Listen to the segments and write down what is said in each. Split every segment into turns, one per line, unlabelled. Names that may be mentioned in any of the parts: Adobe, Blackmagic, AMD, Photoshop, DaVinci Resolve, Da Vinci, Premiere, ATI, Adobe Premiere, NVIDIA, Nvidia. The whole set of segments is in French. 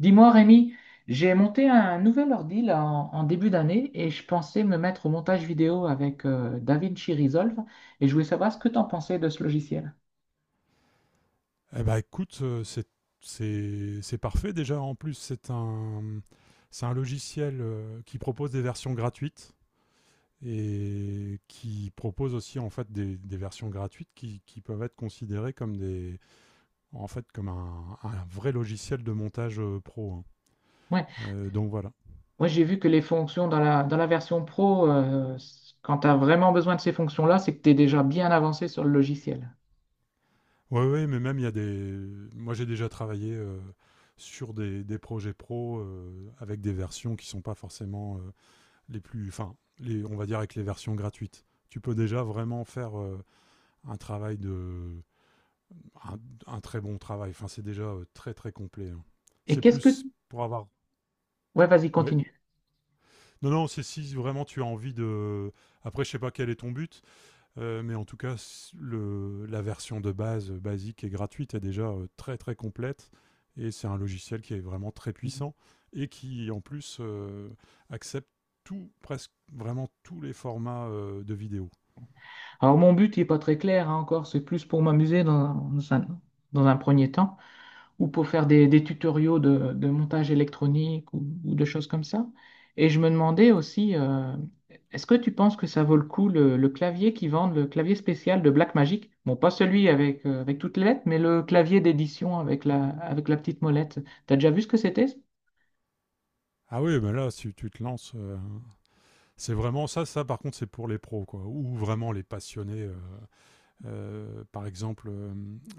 Dis-moi, Rémi, j'ai monté un nouvel ordi là, en début d'année et je pensais me mettre au montage vidéo avec DaVinci Resolve et je voulais savoir ce que tu en pensais de ce logiciel.
Eh ben, écoute, c'est parfait déjà. En plus, c'est un logiciel qui propose des versions gratuites et qui propose aussi en fait des versions gratuites qui peuvent être considérées comme des, en fait, comme un vrai logiciel de montage pro, hein.
Ouais,
Donc voilà.
moi j'ai vu que les fonctions dans la version pro, quand tu as vraiment besoin de ces fonctions-là, c'est que tu es déjà bien avancé sur le logiciel.
Ouais, ouais, mais même il y a des. Moi, j'ai déjà travaillé sur des projets pro avec des versions qui sont pas forcément les plus, enfin, les, on va dire avec les versions gratuites. Tu peux déjà vraiment faire un travail de, un, un très bon travail. Enfin, c'est déjà très très complet, hein.
Et
C'est
qu'est-ce que
plus pour avoir.
Ouais, vas-y,
Oui.
continue.
Non, non, c'est si vraiment tu as envie de. Après, je sais pas quel est ton but, mais en tout cas, le, la version de base basique et gratuite est déjà très très complète. Et c'est un logiciel qui est vraiment très puissant et qui en plus accepte tout, presque vraiment tous les formats de vidéos.
Alors, mon but n'est pas très clair hein, encore, c'est plus pour m'amuser un, dans un premier temps, ou pour faire des tutoriaux de montage électronique ou de choses comme ça. Et je me demandais aussi, est-ce que tu penses que ça vaut le coup le clavier qu'ils vendent, le clavier spécial de Blackmagic? Bon, pas celui avec, avec toutes les lettres, mais le clavier d'édition avec la petite molette. T'as déjà vu ce que c'était?
Ah oui, mais là, si tu te lances, c'est vraiment ça. Ça, par contre, c'est pour les pros, quoi, ou vraiment les passionnés. Par exemple,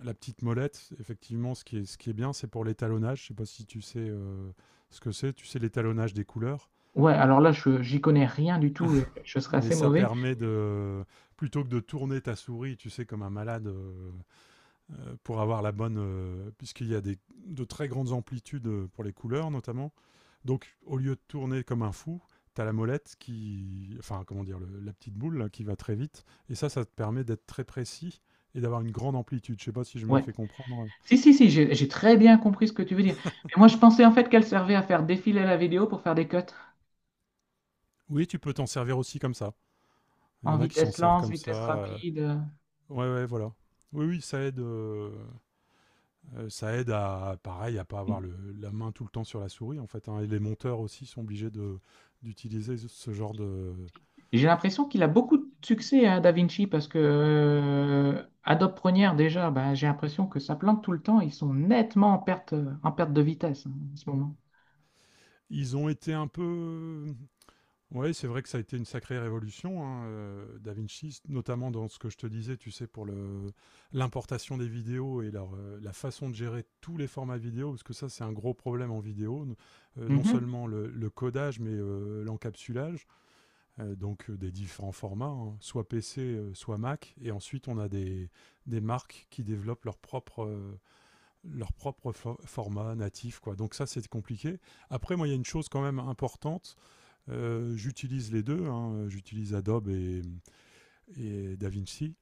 la petite molette, effectivement, ce qui est bien, c'est pour l'étalonnage. Je sais pas si tu sais ce que c'est. Tu sais l'étalonnage des couleurs,
Ouais, alors là, je j'y connais rien du tout et je serais
mais
assez
ça
mauvais.
permet de plutôt que de tourner ta souris, tu sais, comme un malade, pour avoir la bonne, puisqu'il y a des, de très grandes amplitudes pour les couleurs notamment. Donc au lieu de tourner comme un fou, tu as la molette qui, enfin comment dire, la petite boule là, qui va très vite, et ça te permet d'être très précis et d'avoir une grande amplitude. Je sais pas si je me
Ouais.
fais comprendre.
Si, j'ai très bien compris ce que tu veux dire. Mais moi, je pensais en fait qu'elle servait à faire défiler la vidéo pour faire des cuts
Oui, tu peux t'en servir aussi comme ça. Il y
en
en a qui s'en
vitesse
servent
lente,
comme ça.
vitesse rapide.
Ouais, ouais, voilà. Oui, oui, ça aide. Ça aide à, pareil, à pas avoir le, la main tout le temps sur la souris, en fait, hein. Et les monteurs aussi sont obligés de d'utiliser ce genre de.
J'ai l'impression qu'il a beaucoup de succès à DaVinci parce que Adobe Premiere, déjà, ben j'ai l'impression que ça plante tout le temps. Ils sont nettement en perte de vitesse hein, en ce moment.
Ils ont été un peu. Ouais, c'est vrai que ça a été une sacrée révolution, hein, Da Vinci, notamment dans ce que je te disais, tu sais, pour le l'importation des vidéos et leur, la façon de gérer tous les formats vidéo, parce que ça, c'est un gros problème en vidéo, non
Mhm.
seulement le codage, mais l'encapsulage. Donc des différents formats, hein, soit PC, soit Mac, et ensuite on a des marques qui développent leur propre format natif, quoi. Donc ça, c'est compliqué. Après, moi, il y a une chose quand même importante. J'utilise les deux, hein. J'utilise Adobe et DaVinci.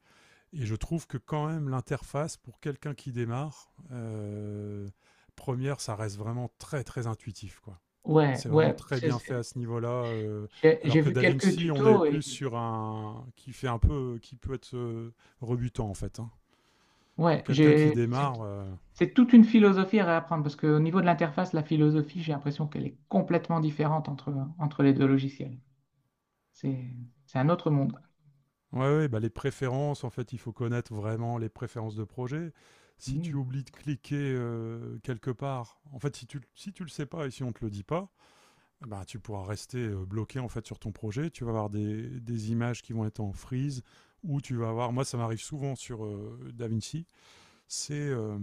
Et je trouve que quand même l'interface, pour quelqu'un qui démarre, première, ça reste vraiment très, très intuitif, quoi.
Ouais,
C'est vraiment
ouais,
très
c'est-
bien fait à
c'est-
ce niveau-là.
j'ai
Alors
j'ai
que
vu
Da
quelques
Vinci, on est
tutos et
plus sur un qui fait un peu, qui peut être rebutant en fait, hein. Pour
ouais,
quelqu'un qui
j'ai
démarre,
c'est toute une philosophie à réapprendre parce qu'au niveau de l'interface, la philosophie, j'ai l'impression qu'elle est complètement différente entre les deux logiciels. C'est, c'est un autre monde.
ouais, ouais, bah les préférences, en fait, il faut connaître vraiment les préférences de projet. Si tu
Mm.
oublies de cliquer quelque part, en fait, si tu le sais pas et si on te le dit pas, eh ben, tu pourras rester bloqué en fait sur ton projet. Tu vas avoir des images qui vont être en freeze ou tu vas avoir. Moi, ça m'arrive souvent sur Da Vinci, c'est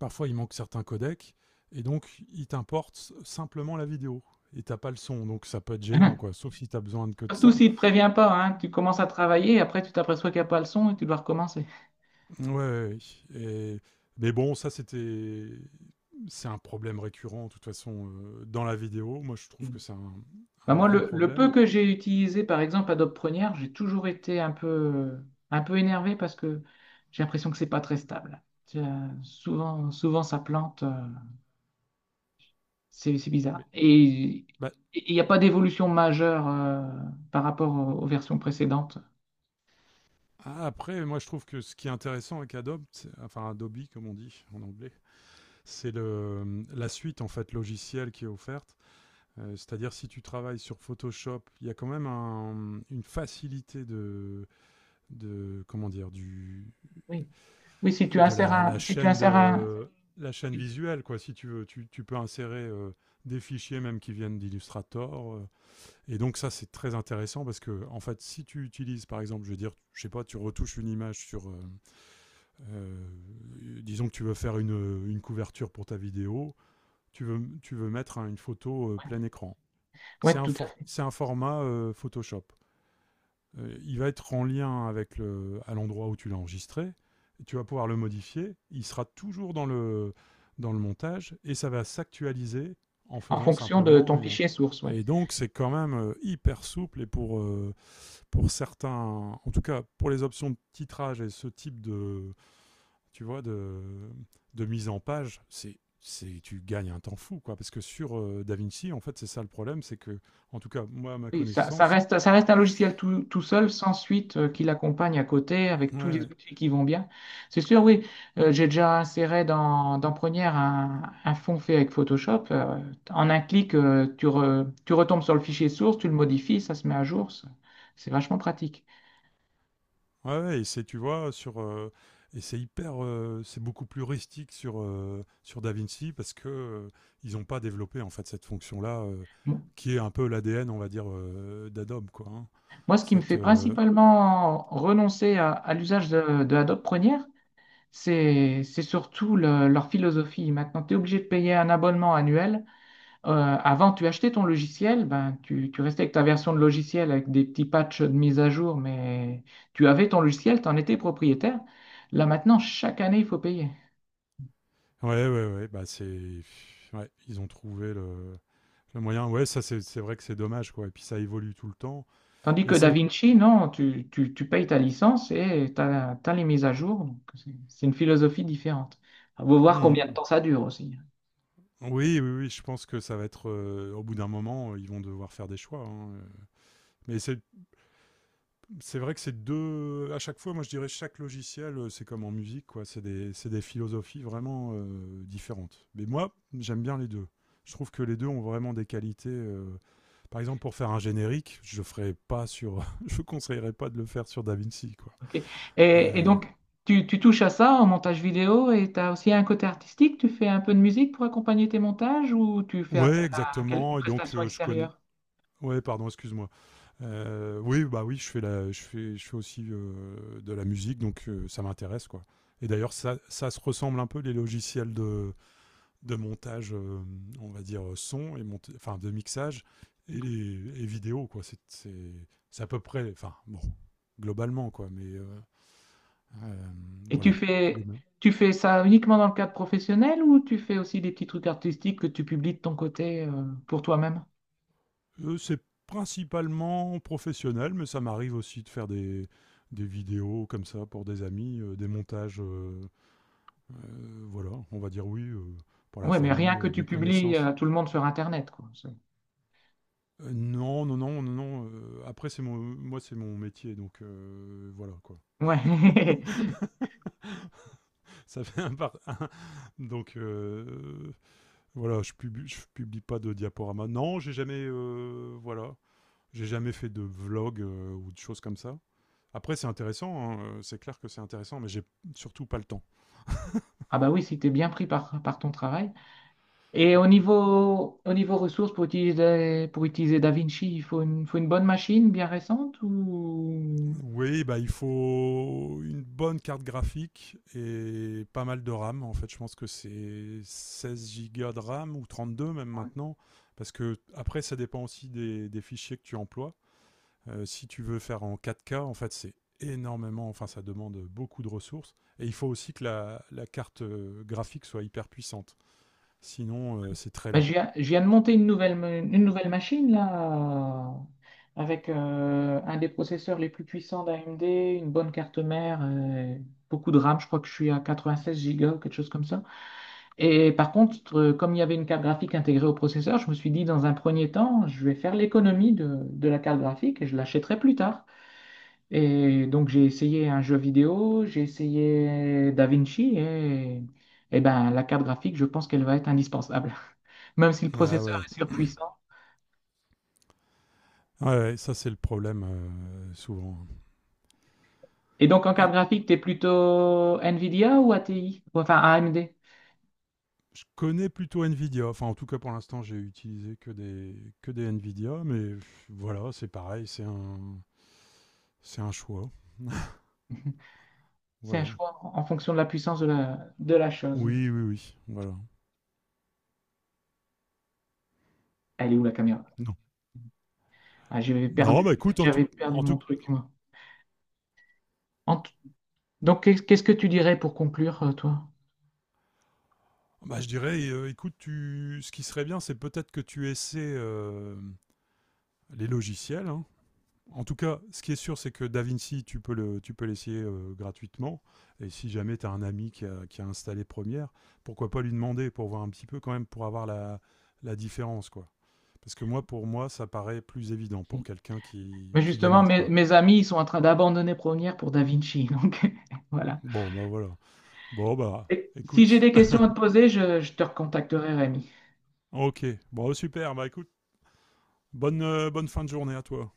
parfois il manque certains codecs, et donc il t'importe simplement la vidéo. Et t'as pas le son, donc ça peut être gênant, quoi. Sauf si t'as besoin de que de
Surtout
ça.
s'il ne te prévient pas, hein. Tu commences à travailler et après tu t'aperçois qu'il n'y a pas le son et tu dois recommencer.
Ouais, ouais, ouais. Et... Mais bon, c'est un problème récurrent de toute façon dans la vidéo. Moi, je trouve
Et-
que c'est
Bah,
un
moi,
gros
le
problème.
peu que j'ai utilisé, par exemple, Adobe Premiere, j'ai toujours été un peu énervé parce que j'ai l'impression que c'est pas très stable. Tu as- Souvent, ça plante. C'est bizarre.
Mais
Et
bah,
il n'y a pas d'évolution majeure par rapport aux versions précédentes.
ah, après, moi, je trouve que ce qui est intéressant avec Adobe, c'est- enfin Adobe comme on dit en anglais, c'est le la suite en fait logicielle qui est offerte. C'est-à-dire si tu travailles sur Photoshop, il y a quand même une facilité de comment dire du
Oui. Oui,
de la, la
si tu
chaîne
insères un,
de la chaîne
ouais,
visuelle, quoi. Si tu veux, tu peux insérer des fichiers même qui viennent d'Illustrator. Et donc ça c'est très intéressant parce que en fait si tu utilises par exemple, je veux dire, je sais pas, tu retouches une image sur, disons que tu veux faire une couverture pour ta vidéo, tu veux mettre hein, une photo plein écran. C'est
ouais,
un,
tout à fait.
c'est un format Photoshop. Il va être en lien avec le, à l'endroit où tu l'as enregistré. Tu vas pouvoir le modifier. Il sera toujours dans le montage et ça va s'actualiser en
En
faisant
fonction de
simplement.
ton fichier source, ouais.
Et donc, c'est quand même hyper souple et pour certains, en tout cas pour les options de titrage et ce type de, tu vois, de mise en page, c'est tu gagnes un temps fou quoi parce que sur DaVinci en fait c'est ça le problème c'est que en tout cas moi à ma
Oui,
connaissance.
ça reste un logiciel tout seul, sans suite, qui l'accompagne à côté, avec tous les
Ouais,
outils qui vont bien. C'est sûr, oui, j'ai déjà inséré dans Première un fond fait avec Photoshop. En un clic, tu retombes sur le fichier source, tu le modifies, ça se met à jour. C'est vachement pratique.
ouais, ouais, et c'est tu vois sur et c'est hyper c'est beaucoup plus rustique sur sur DaVinci parce que ils n'ont pas développé en fait cette fonction là
Mo-
qui est un peu l'ADN on va dire d'Adobe quoi hein.
Moi, ce qui me
cette
fait principalement renoncer à l'usage de Adobe Premiere, c'est surtout le- leur philosophie. Maintenant, tu es obligé de payer un abonnement annuel. Avant, tu achetais ton logiciel, ben, tu restais avec ta version de logiciel avec des petits patchs de mise à jour, mais tu avais ton logiciel, tu en étais propriétaire. Là maintenant, chaque année, il faut payer.
ouais ouais ouais bah c'est ouais ils ont trouvé le moyen, ouais, ça c'est vrai que c'est dommage, quoi. Et puis ça évolue tout le temps.
Tandis que
Mais c'est le-
DaVinci, non, tu payes ta licence et tu as les mises à jour. Donc, c'est une philosophie différente. Il faut voir combien de
Mhm.
temps ça dure aussi.
Oui, oui, oui, je pense que ça va être au bout d'un moment, ils vont devoir faire des choix, hein, mais c'est vrai que c'est deux à chaque fois. Moi, je dirais chaque logiciel, c'est comme en musique, quoi. C'est des philosophies vraiment différentes. Mais moi, j'aime bien les deux. Je trouve que les deux ont vraiment des qualités. Par exemple, pour faire un générique, je ferais pas sur, je conseillerais pas de le faire sur DaVinci, quoi.
Ok.
Euh,
Donc, tu touches à ça en montage vidéo et tu as aussi un côté artistique. Tu fais un peu de musique pour accompagner tes montages ou tu fais
Ouais,
appel à quelle- une
exactement. Et donc,
prestation
je connais,
extérieure?
ouais, pardon, excuse-moi. Oui, bah oui, je fais aussi de la musique, donc ça m'intéresse, quoi. Et d'ailleurs, ça se ressemble un peu les logiciels de montage, on va dire son et enfin de mixage et les et vidéo quoi. C'est à peu près, enfin bon, globalement, quoi. Mais euh,
Et tu
voilà. Les
fais,
mains.
tu fais ça uniquement dans le cadre professionnel ou tu fais aussi des petits trucs artistiques que tu publies de ton côté pour toi-même?
C'est principalement professionnel, mais ça m'arrive aussi de faire des vidéos comme ça pour des amis, des montages. Voilà, on va dire oui pour la
Ouais, mais rien
famille,
que tu
des
publies
connaissances.
à tout le monde sur Internet, quoi. C'est-
Non, non, non, non, non. Après, c'est mon, moi, c'est mon métier, donc voilà quoi.
Ouais.
Ça fait un par un, donc voilà, je publie pas de diaporama. Non, j'ai jamais, voilà, j'ai jamais fait de vlog ou de choses comme ça. Après, c'est intéressant, hein, c'est clair que c'est intéressant, mais j'ai surtout pas le temps.
Ah bah oui, si t'es bien pris par ton travail. Et au niveau ressources, pour utiliser DaVinci, il faut une bonne machine bien récente ou...
Oui, bah, il faut une bonne carte graphique et pas mal de RAM. En fait, je pense que c'est 16 Go de RAM ou 32 même maintenant. Parce que après, ça dépend aussi des fichiers que tu emploies. Si tu veux faire en 4K, en fait, c'est énormément, enfin, ça demande beaucoup de ressources. Et il faut aussi que la carte graphique soit hyper puissante. Sinon, c'est très lent.
Je viens de monter une nouvelle machine là, avec un des processeurs les plus puissants d'AMD, une bonne carte mère, beaucoup de RAM, je crois que je suis à 96 Go, quelque chose comme ça. Et par contre, comme il y avait une carte graphique intégrée au processeur, je me suis dit dans un premier temps, je vais faire l'économie de la carte graphique et je l'achèterai plus tard. Et donc j'ai essayé un jeu vidéo, j'ai essayé DaVinci, et ben, la carte graphique, je pense qu'elle va être indispensable même si le
Ah
processeur
ouais.
est surpuissant.
Ouais, ouais, ça c'est le problème souvent.
Et donc, en
Et
carte graphique, tu es plutôt NVIDIA ou ATI? Ou enfin, AMD.
je connais plutôt Nvidia. Enfin, en tout cas, pour l'instant, j'ai utilisé que que des Nvidia. Mais voilà, c'est pareil, c'est un choix.
C'est un
Voilà.
choix en fonction de la puissance de la chose.
Oui, oui, oui. Voilà.
Elle est où la caméra?
Non.
Ah,
Non, bah écoute,
j'avais perdu
en tout,
mon truc, moi. En, Donc, qu'est-ce que tu dirais pour conclure, toi?
bah, je dirais, écoute, tu, ce qui serait bien, c'est peut-être que tu essaies les logiciels, hein. En tout cas, ce qui est sûr, c'est que DaVinci, tu peux l'essayer gratuitement. Et si jamais tu as un ami qui a installé Premiere, pourquoi pas lui demander pour voir un petit peu quand même, pour avoir la, la différence, quoi. Parce que moi, pour moi, ça paraît plus évident pour quelqu'un
Mais
qui
justement,
démarre, quoi.
mes amis, ils sont en train d'abandonner Première pour Da Vinci. Donc, voilà.
Bon, bah voilà. Bon, bah,
Et si j'ai
écoute.
des questions à te poser, je te recontacterai, Rémi.
ok. Bon, super. Bah, écoute, bonne, bonne fin de journée à toi.